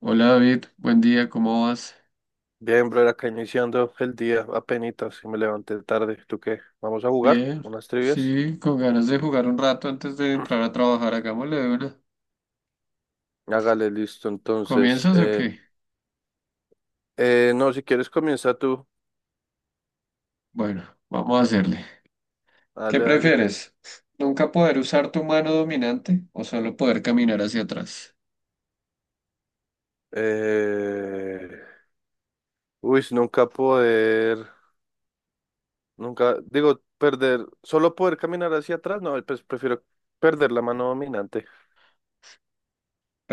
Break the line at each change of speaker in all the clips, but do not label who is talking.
Hola David, buen día, ¿cómo vas?
Bien, bro, acá iniciando el día, apenitas, y me levanté tarde. ¿Tú qué? ¿Vamos a jugar
Bien,
unas trivias?
sí, con ganas de jugar un rato antes de entrar a trabajar, hagámosle de una.
Hágale, listo, entonces.
¿Comienzas o qué?
No, si quieres comienza tú.
Bueno, vamos a hacerle. ¿Qué
Dale, dale.
prefieres? ¿Nunca poder usar tu mano dominante o solo poder caminar hacia atrás?
Eh, uy, nunca poder, nunca, digo, perder, solo poder caminar hacia atrás, no, pues prefiero perder la mano dominante.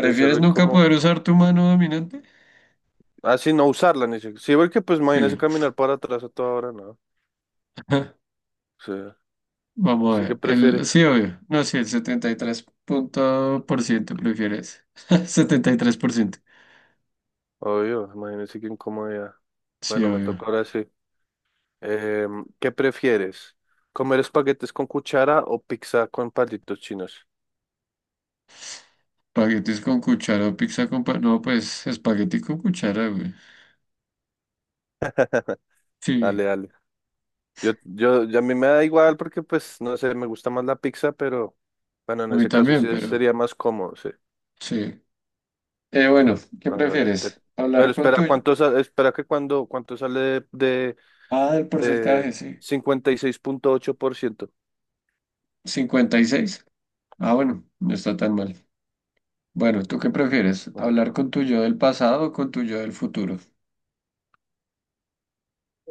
Debe ser re
nunca poder
incómodo.
usar tu mano dominante?
Así no usarla, ni si, sí, porque pues
Sí,
imagínese caminar para atrás a toda hora, no. O sea,
vamos a
¿usted qué
ver.
prefiere?
Sí, obvio. No, sí, el setenta y tres punto por ciento prefieres. 73%.
Obvio, imagínese qué incomodidad.
Sí,
Bueno, me toca
obvio.
ahora sí. ¿Qué prefieres? ¿Comer espaguetes con cuchara o pizza con palitos chinos?
Espaguetis con cuchara o pizza con no, pues espagueti con cuchara, güey. Sí,
Dale, dale. A mí me da igual porque, pues, no sé, me gusta más la pizza, pero bueno, en
a mí
ese caso
también,
sí
pero
sería más cómodo, sí.
sí. Bueno, ¿qué
Ah, vale.
prefieres?
Pero
¿Hablar con tu?
espera, espera que cuando, ¿cuánto sale de,
Ah, el
de
porcentaje, sí.
56.8%?
Cincuenta y seis. Ah, bueno, no está tan mal. Bueno, ¿tú qué prefieres?
Bueno,
¿Hablar con tu yo del pasado o con tu yo del futuro?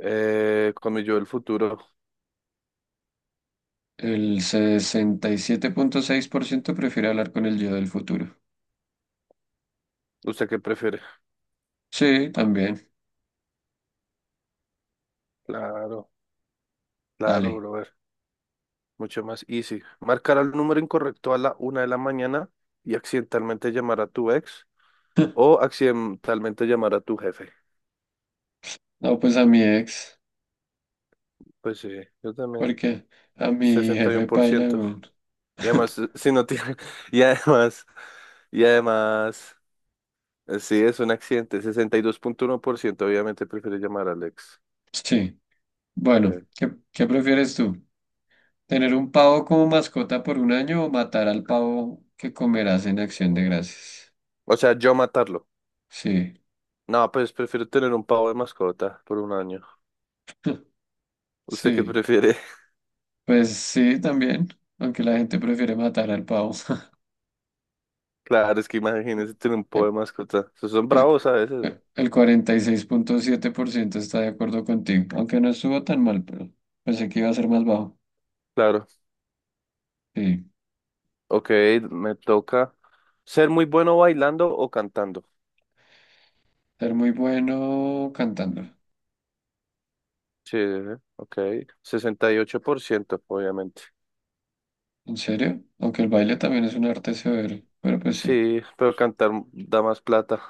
comí yo el futuro.
El 67,6% prefiere hablar con el yo del futuro.
¿Usted qué prefiere?
Sí, también.
Claro, claro,
Dale.
bro. Mucho más easy. Marcar al número incorrecto a la una de la mañana y accidentalmente llamar a tu ex o accidentalmente llamar a tu jefe.
No, pues a mi ex,
Pues sí, yo también.
porque a mi
sesenta Y uno
jefe
por
paila,
ciento
güey.
y además, si no tiene. Y además, y además, sí, es un accidente. 62.1% obviamente prefiere llamar al ex.
Sí. Bueno,
Sí.
¿qué prefieres tú? ¿Tener un pavo como mascota por un año o matar al pavo que comerás en Acción de Gracias?
O sea, yo matarlo.
Sí,
No, pues prefiero tener un pavo de mascota por un año. ¿Usted qué
sí,
prefiere?
pues sí, también, aunque la gente prefiere matar al pavo.
Claro, es que imagínese tener un pavo de
El,
mascota. Esos son
el, cu-
bravos a veces.
el 46,7% está de acuerdo contigo, aunque no estuvo tan mal, pero pensé que iba a ser más bajo.
Claro,
Sí,
ok, me toca ser muy bueno bailando o cantando.
ser muy bueno cantando.
Sí, ok, 68%, obviamente.
¿En serio? Aunque el baile también es un arte severo, pero pues sí,
Sí, pero cantar da más plata.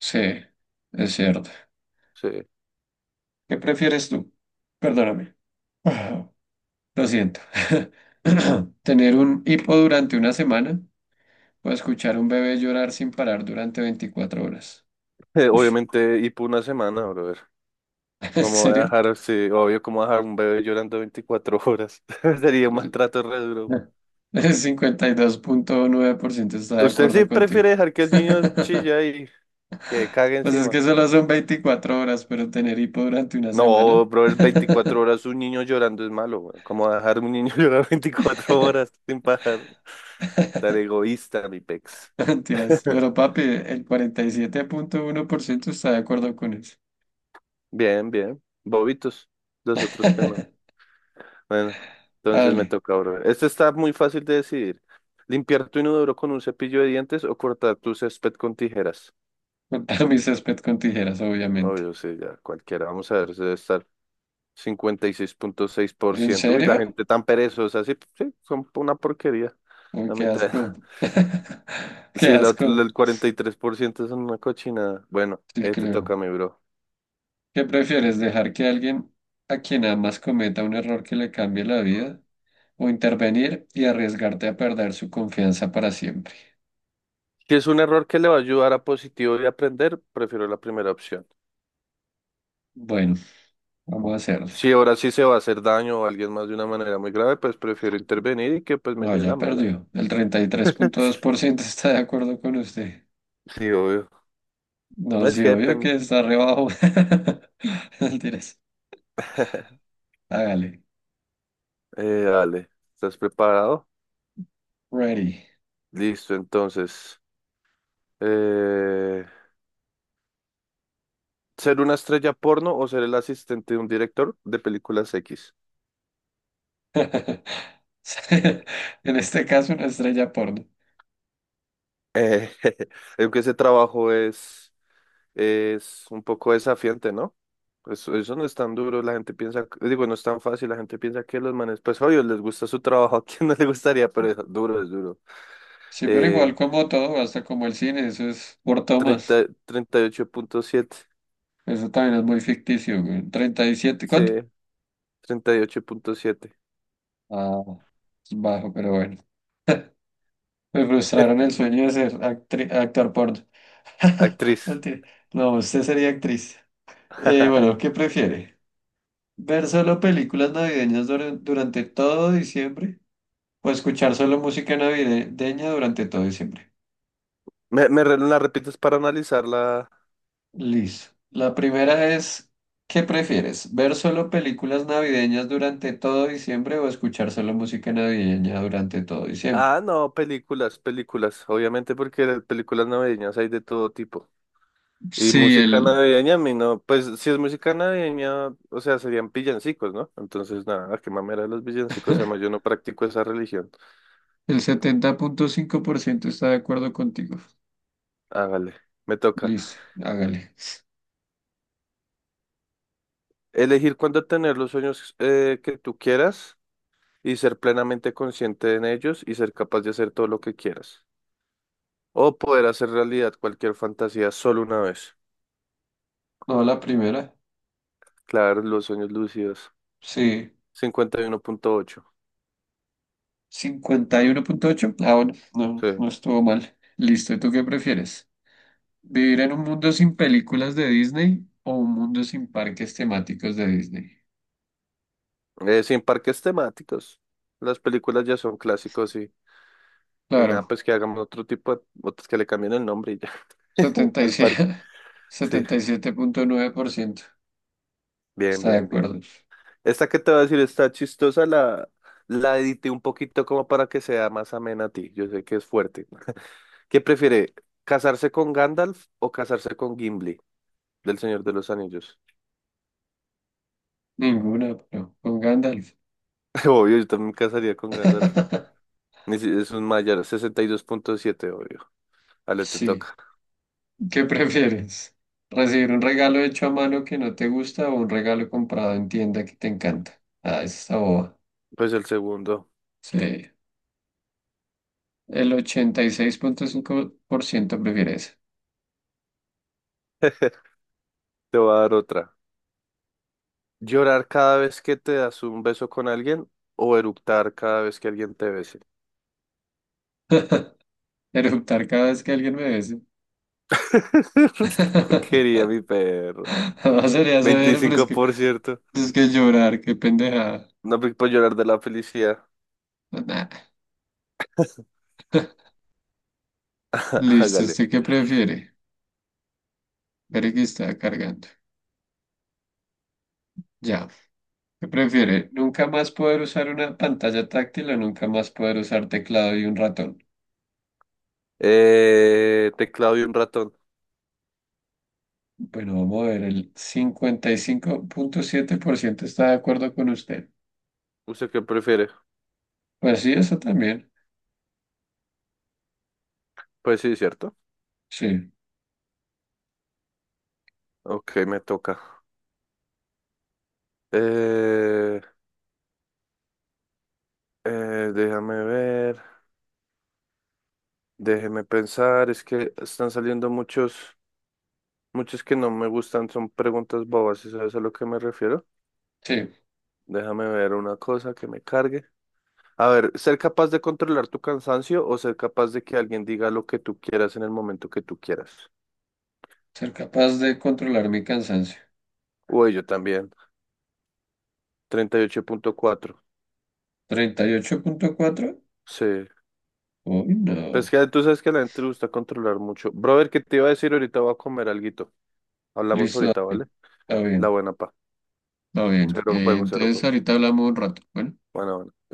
sí, es cierto.
Sí.
¿Qué prefieres tú? Perdóname. Ah, lo siento. ¿Tener un hipo durante una semana o escuchar un bebé llorar sin parar durante 24 horas? Uy,
Obviamente, y por una semana, brother.
¿en
¿Cómo voy a
serio?
dejar, sí, obvio, cómo dejar un bebé llorando 24 horas? Sería un
El
maltrato re duro, güey.
el 52,9% está de
¿Usted sí
acuerdo contigo.
prefiere dejar que el niño chilla y que cague
Pues es
encima?
que solo son 24 horas, pero tener hipo durante una semana.
No, brother, 24 horas un niño llorando es malo, güey. ¿Cómo dejar un niño llorar 24 horas sin parar? Tan egoísta, mi pex.
Mentiras. Pero papi, el 47,1% está de acuerdo con eso.
Bien, bien. Bobitos. Los otros que no. Bueno, entonces me
Dale.
toca, brother. Este está muy fácil de decidir. ¿Limpiar tu inodoro con un cepillo de dientes o cortar tu césped con tijeras?
Cortar mi césped con tijeras, obviamente.
Obvio, sí, ya cualquiera. Vamos a ver, se debe estar cincuenta y seis punto seis por
¿En
ciento. Uy, la
serio?
gente tan perezosa, sí, sí, son una porquería.
Uy,
La
qué
mitad.
asco. Qué
Sí,
asco.
el 43% es una cochinada. Bueno,
Sí,
te
creo.
toca a mí, bro.
¿Qué prefieres, dejar que alguien a quien amas cometa un error que le cambie la vida o intervenir y arriesgarte a perder su confianza para siempre?
Si es un error que le va a ayudar a positivo y aprender, prefiero la primera opción.
Bueno, vamos a hacerle.
Si ahora sí se va a hacer daño a alguien más de una manera muy grave, pues prefiero intervenir y que pues me
No,
lleve
ya
la mala.
perdió. El 33,2% está de acuerdo con usted.
Sí, obvio.
No,
No es
sí,
que
obvio
depende.
que está re bajo. Mentiras. Hágale.
Dale, ¿estás preparado?
Ready.
Listo, entonces. Eh, ¿Ser una estrella porno o ser el asistente de un director de películas X?
En este caso, una estrella porno.
Eh, aunque ese trabajo es un poco desafiante, ¿no? Eso no es tan duro, la gente piensa, digo, no es tan fácil, la gente piensa que los manes, pues obvio, les gusta su trabajo, ¿a quién no le gustaría? Pero es duro, es duro.
Sí, pero igual
Eh,
como todo, hasta como el cine, eso es por tomas.
treinta y ocho punto siete,
Eso también es muy ficticio, güey. 37,
sí,
¿cuánto?
38.7,
Ah, es bajo, pero bueno. Me frustraron el sueño de ser actor porno.
actriz.
Mentira. No, usted sería actriz. Bueno, ¿qué prefiere? ¿Ver solo películas navideñas durante todo diciembre? ¿O escuchar solo música navideña durante todo diciembre?
¿Me la repites para analizarla?
Listo. La primera es, ¿qué prefieres? ¿Ver solo películas navideñas durante todo diciembre o escuchar solo música navideña durante todo diciembre?
Ah, no, películas, películas, obviamente porque las películas navideñas hay de todo tipo. Y
Sí,
música navideña, a mí no, pues si es música navideña, o sea, serían villancicos, ¿no? Entonces, nada, qué mamera de los villancicos, además yo no practico esa religión.
el 70,5% está de acuerdo contigo.
Hágale, me toca.
Listo, hágale.
Elegir cuándo tener los sueños que tú quieras y ser plenamente consciente en ellos y ser capaz de hacer todo lo que quieras. O poder hacer realidad cualquier fantasía solo una vez.
No, la primera.
Claro, los sueños lúcidos.
Sí,
51.8.
51,8. Ah, bueno, no,
Sí.
no estuvo mal. Listo, ¿y tú qué prefieres? ¿Vivir en un mundo sin películas de Disney o un mundo sin parques temáticos de Disney?
Sin parques temáticos. Las películas ya son clásicos. Y nada,
Claro.
pues que hagamos otro tipo de, otros que le cambien el nombre y ya,
setenta setenta y
al parque.
siete
Sí,
77,9%
bien,
está de
bien, bien.
acuerdo.
Esta que te voy a decir está chistosa, la edité un poquito como para que sea más amena a ti. Yo sé que es fuerte. ¿Qué prefiere, casarse con Gandalf o casarse con Gimli, del Señor de los Anillos?
Ninguna, pero con Gandalf.
Obvio, yo también me casaría con Gandalf. Ni si- Es un mayor, 62.7, obvio. Ale, te
Sí.
toca.
¿Qué prefieres? ¿Recibir un regalo hecho a mano que no te gusta o un regalo comprado en tienda que te encanta? Ah, esa está boba.
Pues el segundo.
Sí. El 86,5% prefiere eso.
Te voy a dar otra. ¿Llorar cada vez que te das un beso con alguien o eructar cada vez que alguien te bese?
Eruptar cada vez que alguien me bese.
Qué porquería, mi perro.
No sería severo, pero es que,
25%.
es que llorar, qué pendejada.
No me puedo llorar de la felicidad.
Nah. Listo,
Hágale.
¿usted qué prefiere? Espere que está cargando. Ya. ¿Qué prefiere? ¿Nunca más poder usar una pantalla táctil o nunca más poder usar teclado y un ratón?
Teclado y un ratón.
Bueno, vamos a ver, el 55,7% está de acuerdo con usted.
¿Usted qué prefiere?
Pues sí, eso también.
Pues sí, ¿cierto?
Sí,
Ok, me toca. Eh, eh, déjame ver. Déjeme pensar. Es que están saliendo muchos, muchos que no me gustan. Son preguntas bobas, ¿sabes a lo que me refiero?
sí.
Déjame ver una cosa que me cargue. A ver, ser capaz de controlar tu cansancio o ser capaz de que alguien diga lo que tú quieras en el momento que tú quieras.
Ser capaz de controlar mi cansancio.
Uy, yo también. 38.4.
38,4.
Sí.
Uy,
Pues
no.
que tú sabes que a la gente le gusta controlar mucho. Brother, ¿qué te iba a decir? Ahorita voy a comer alguito. Hablamos
Listo,
ahorita, ¿vale?
dale. Está
La
bien.
buena pa.
Está bien.
Cero juego, cero
Entonces
juego.
ahorita hablamos un rato. Bueno.
Bueno, bueno.